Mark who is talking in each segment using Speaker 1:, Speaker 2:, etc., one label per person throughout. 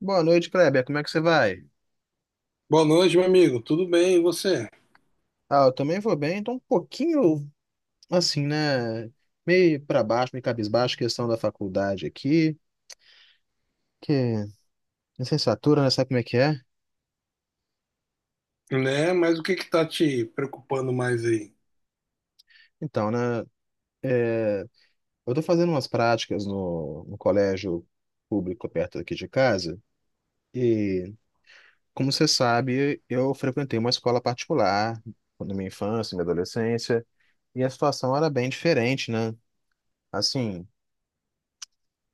Speaker 1: Boa noite, Kleber. Como é que você vai?
Speaker 2: Boa noite, meu amigo. Tudo bem, e você?
Speaker 1: Ah, eu também vou bem. Tô um pouquinho assim, né? Meio pra baixo, meio cabisbaixo, questão da faculdade aqui, que licenciatura, né? Sabe como é que é?
Speaker 2: Né? Mas o que que tá te preocupando mais aí?
Speaker 1: Então, né? é, eu tô fazendo umas práticas no colégio público perto aqui de casa e, como você sabe, eu frequentei uma escola particular na minha infância, na minha adolescência e a situação era bem diferente, né? Assim.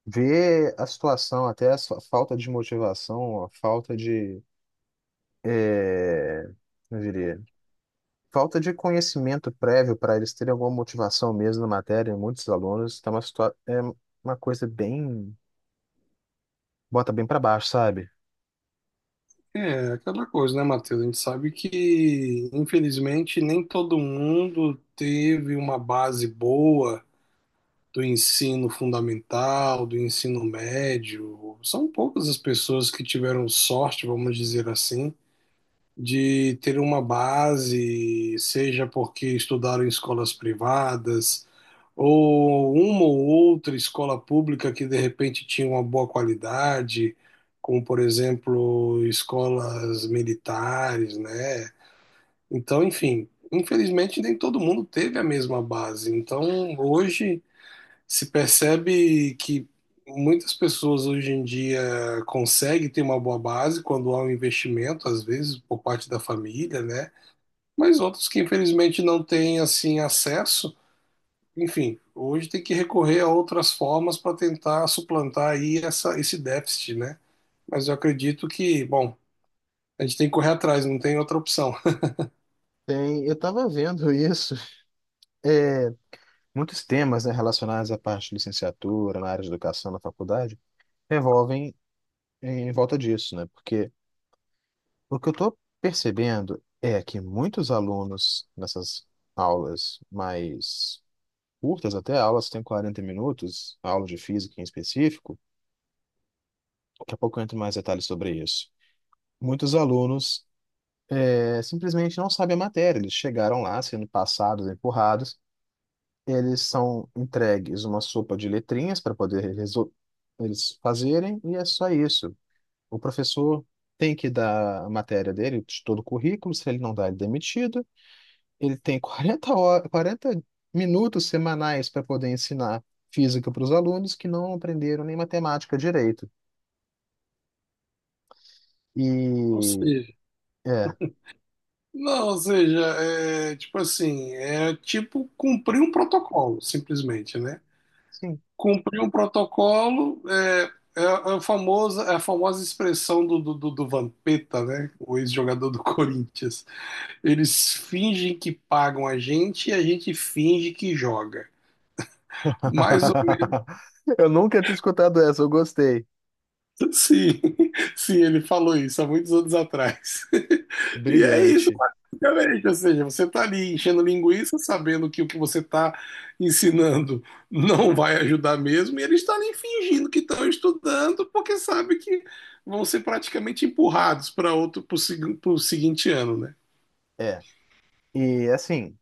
Speaker 1: Ver a situação, até a sua falta de motivação, a falta de, é, eu diria, falta de conhecimento prévio para eles terem alguma motivação mesmo na matéria, muitos alunos, está uma situa é uma coisa bem, bota bem para baixo, sabe?
Speaker 2: É aquela coisa, né, Matheus? A gente sabe que, infelizmente, nem todo mundo teve uma base boa do ensino fundamental, do ensino médio. São poucas as pessoas que tiveram sorte, vamos dizer assim. De ter uma base, seja porque estudaram em escolas privadas, ou uma ou outra escola pública que de repente tinha uma boa qualidade, como por exemplo escolas militares, né? Então, enfim, infelizmente nem todo mundo teve a mesma base. Então, hoje se percebe que muitas pessoas hoje em dia conseguem ter uma boa base quando há um investimento, às vezes por parte da família, né? Mas outros que infelizmente não têm assim acesso, enfim, hoje tem que recorrer a outras formas para tentar suplantar aí essa, esse déficit, né? Mas eu acredito que, bom, a gente tem que correr atrás, não tem outra opção.
Speaker 1: Tem, eu estava vendo isso, é, muitos temas, né, relacionados à parte de licenciatura, na área de educação, na faculdade, revolvem em volta disso, né? Porque o que eu estou percebendo é que muitos alunos nessas aulas mais curtas, até aulas que têm 40 minutos, aulas de física em específico, daqui a pouco eu entro em mais detalhes sobre isso. Muitos alunos simplesmente não sabem a matéria, eles chegaram lá sendo passados, empurrados, eles são entregues uma sopa de letrinhas para poder eles fazerem, e é só isso. O professor tem que dar a matéria dele, de todo o currículo, se ele não dá, ele é demitido. Ele tem 40 horas, 40 minutos semanais para poder ensinar física para os alunos que não aprenderam nem matemática direito.
Speaker 2: Ou
Speaker 1: E
Speaker 2: seja,
Speaker 1: é,
Speaker 2: não, ou seja, é tipo assim, é tipo cumprir um protocolo, simplesmente, né?
Speaker 1: sim.
Speaker 2: Cumpriu o protocolo, é a famosa expressão do Vampeta, né? O ex-jogador do Corinthians. Eles fingem que pagam a gente e a gente finge que joga. Mais ou
Speaker 1: Eu nunca tinha escutado essa, eu gostei.
Speaker 2: Sim, sim, ele falou isso há muitos anos atrás. E é isso,
Speaker 1: Brilhante.
Speaker 2: basicamente. Ou seja, você está ali enchendo linguiça, sabendo que o que você está ensinando não vai ajudar mesmo, e eles estão ali fingindo que estão estudando, porque sabe que vão ser praticamente empurrados para outro, para o seguinte ano, né?
Speaker 1: É. E assim,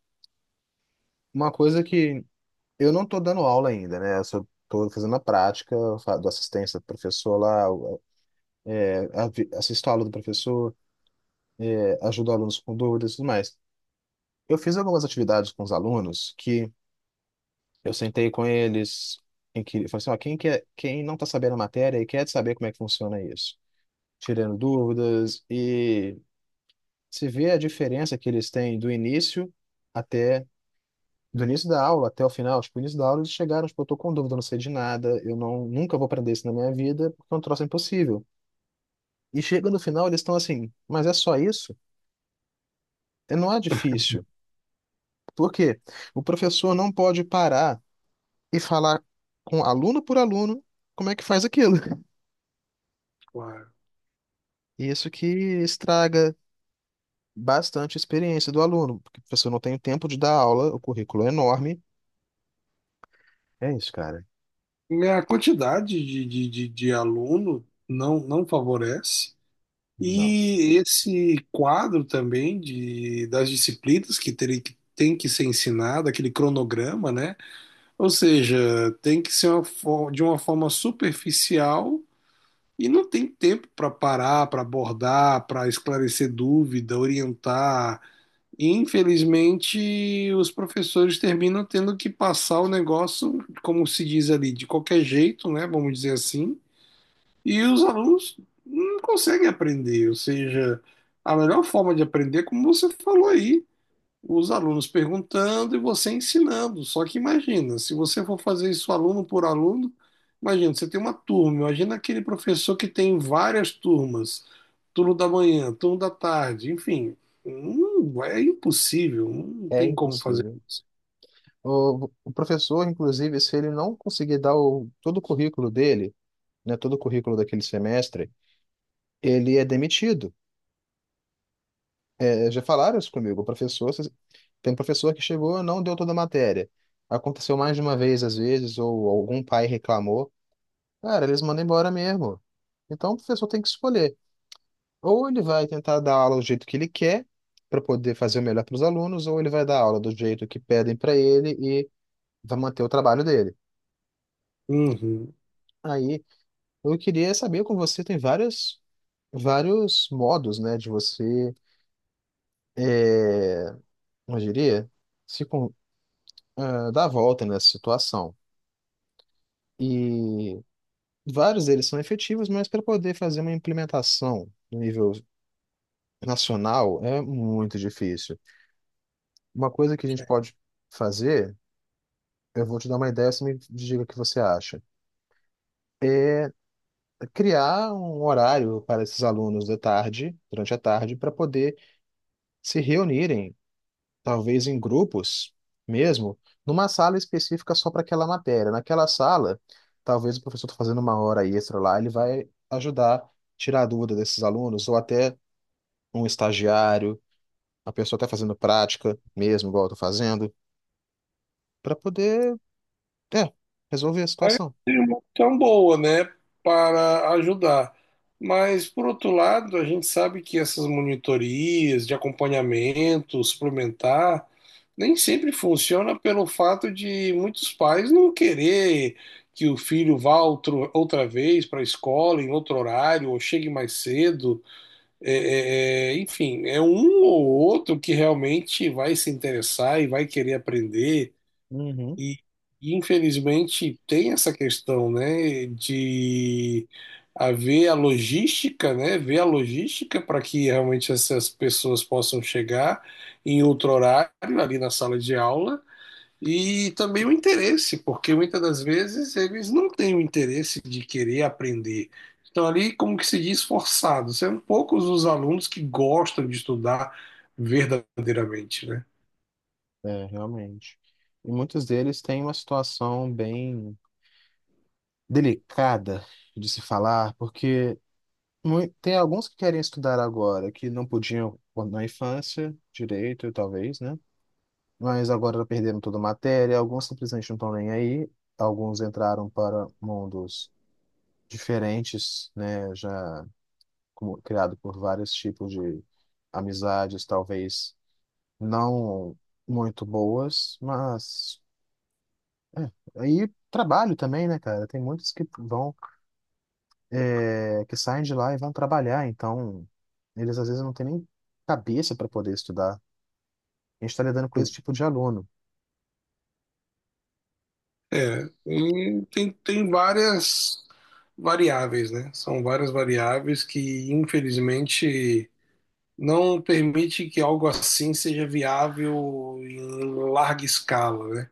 Speaker 1: uma coisa que eu não estou dando aula ainda, né? Eu só tô fazendo a prática, eu dou assistência ao professor lá, eu, assisto a aula do professor, ajudo alunos com dúvidas e tudo mais. Eu fiz algumas atividades com os alunos que eu sentei com eles em que falei assim, ó, quem quer, quem não está sabendo a matéria e quer saber como é que funciona isso, tirando dúvidas e se vê a diferença que eles têm até do início da aula até o final, tipo, o início da aula eles chegaram, tipo, eu tô com dúvida, eu não sei de nada, eu não nunca vou aprender isso na minha vida, porque é um troço impossível. E chega no final, eles estão assim, mas é só isso? E não é difícil. Por quê? O professor não pode parar e falar com aluno por aluno como é que faz aquilo.
Speaker 2: Claro.
Speaker 1: E isso que estraga bastante a experiência do aluno, porque o professor não tem o tempo de dar aula, o currículo é enorme. É isso, cara.
Speaker 2: A quantidade de aluno não favorece.
Speaker 1: Não,
Speaker 2: E esse quadro também de, das disciplinas que terem que tem que ser ensinada aquele cronograma, né? Ou seja, tem que ser de uma forma superficial e não tem tempo para parar, para abordar, para esclarecer dúvida, orientar. E, infelizmente, os professores terminam tendo que passar o negócio, como se diz ali, de qualquer jeito, né? Vamos dizer assim e os alunos não conseguem aprender, ou seja, a melhor forma de aprender, é como você falou aí, os alunos perguntando e você ensinando. Só que imagina, se você for fazer isso aluno por aluno, imagina, você tem uma turma, imagina aquele professor que tem várias turmas, turno da manhã, turno da tarde, enfim, hum, é impossível, não
Speaker 1: é
Speaker 2: tem como fazer
Speaker 1: impossível.
Speaker 2: isso.
Speaker 1: O professor, inclusive, se ele não conseguir dar o, todo o currículo dele, né, todo o currículo daquele semestre, ele é demitido. É, já falaram isso comigo. O professor, tem professor que chegou e não deu toda a matéria. Aconteceu mais de uma vez, às vezes, ou algum pai reclamou. Cara, eles mandam embora mesmo. Então, o professor tem que escolher. Ou ele vai tentar dar aula do jeito que ele quer, para poder fazer o melhor para os alunos, ou ele vai dar aula do jeito que pedem para ele e vai manter o trabalho dele.
Speaker 2: Uhum.
Speaker 1: Aí, eu queria saber com você, tem vários, vários modos, né, de você, é, como eu diria, se, con- ah, dar a volta nessa situação. E vários deles são efetivos, mas para poder fazer uma implementação no nível nacional é muito difícil. Uma coisa que a gente pode fazer. Eu vou te dar uma ideia, você me diga o que você acha. Criar um horário para esses alunos de tarde, durante a tarde, para poder se reunirem, talvez em grupos mesmo, numa sala específica só para aquela matéria. Naquela sala, talvez o professor tá fazendo uma hora extra lá, ele vai ajudar a tirar a dúvida desses alunos, ou até um estagiário, a pessoa está fazendo prática mesmo, igual eu estou fazendo, para poder, é, resolver a situação.
Speaker 2: É uma opção boa, né, para ajudar. Mas, por outro lado, a gente sabe que essas monitorias de acompanhamento suplementar nem sempre funciona pelo fato de muitos pais não querer que o filho vá outra vez para a escola, em outro horário, ou chegue mais cedo. Enfim, é um ou outro que realmente vai se interessar e vai querer aprender.
Speaker 1: Uhum.
Speaker 2: E, infelizmente tem essa questão, né, de haver a logística, né, ver a logística para que realmente essas pessoas possam chegar em outro horário ali na sala de aula e também o interesse, porque muitas das vezes eles não têm o interesse de querer aprender. Estão ali, como que se diz, forçados. São poucos os alunos que gostam de estudar verdadeiramente, né?
Speaker 1: É, realmente. E muitos deles têm uma situação bem delicada de se falar, porque tem alguns que querem estudar agora, que não podiam quando na infância, direito, talvez, né? Mas agora perderam toda a matéria, alguns simplesmente não estão nem aí, alguns entraram para mundos diferentes, né? Já criado por vários tipos de amizades, talvez não muito boas, mas aí trabalho também, né, cara? Tem muitos que vão, que saem de lá e vão trabalhar, então eles às vezes não têm nem cabeça para poder estudar. A gente está lidando com esse tipo de aluno.
Speaker 2: É, e tem várias variáveis, né? São várias variáveis que, infelizmente, não permite que algo assim seja viável em larga escala, né?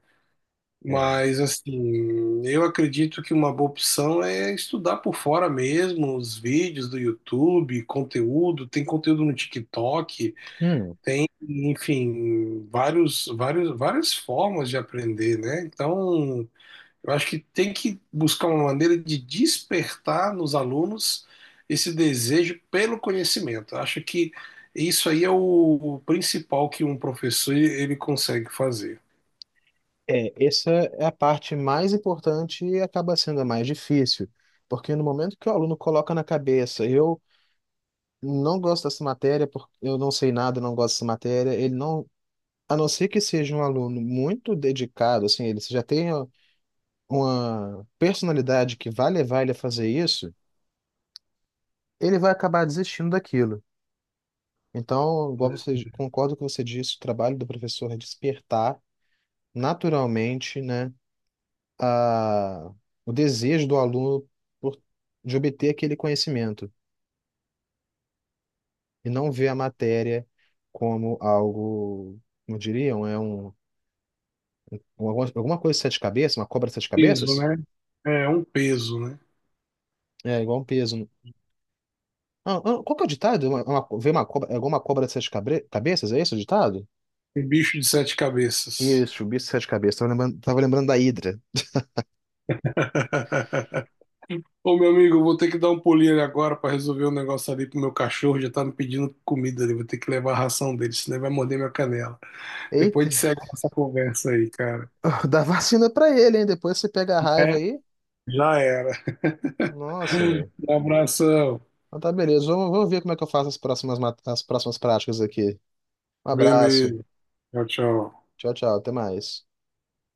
Speaker 1: É.
Speaker 2: Mas, assim, eu acredito que uma boa opção é estudar por fora mesmo, os vídeos do YouTube, conteúdo, tem conteúdo no TikTok,
Speaker 1: Hum,
Speaker 2: enfim, várias formas de aprender, né? Então, eu acho que tem que buscar uma maneira de despertar nos alunos esse desejo pelo conhecimento. Eu acho que isso aí é o principal que um professor ele consegue fazer.
Speaker 1: essa é a parte mais importante e acaba sendo a mais difícil, porque no momento que o aluno coloca na cabeça, eu não gosto dessa matéria, porque eu não sei nada, não gosto dessa matéria, ele não, a não ser que seja um aluno muito dedicado, assim, ele já tenha uma personalidade que vai levar ele a fazer isso, ele vai acabar desistindo daquilo. Então, igual
Speaker 2: Um
Speaker 1: você, concordo com o que você disse, o trabalho do professor é despertar naturalmente, né, a, o desejo do aluno por, de obter aquele conhecimento e não ver a matéria como algo, como diriam, alguma coisa de sete cabeças, uma cobra de sete
Speaker 2: Peso,
Speaker 1: cabeças,
Speaker 2: né? É um peso, né?
Speaker 1: é igual um peso. Ah, ah, qual que é o ditado? Ver uma cobra, é alguma cobra de sete cabeças, é esse o ditado?
Speaker 2: Um bicho de sete cabeças.
Speaker 1: Isso, o bicho de sete cabeças. Tava lembrando da Hidra.
Speaker 2: Ô, meu amigo, eu vou ter que dar um pulinho ali agora para resolver um negócio ali pro meu cachorro. Já tá me pedindo comida ali. Vou ter que levar a ração dele, senão ele vai morder minha canela. Depois a
Speaker 1: Eita,
Speaker 2: gente
Speaker 1: meu.
Speaker 2: segue essa conversa aí, cara.
Speaker 1: Dá vacina pra ele, hein? Depois você pega a raiva
Speaker 2: É,
Speaker 1: aí.
Speaker 2: já era.
Speaker 1: Nossa, meu.
Speaker 2: Um abração.
Speaker 1: Então tá, beleza. Vamos, vamos ver como é que eu faço as próximas práticas aqui. Um abraço.
Speaker 2: Beleza. Tchau, tchau.
Speaker 1: Tchau, tchau. Até mais.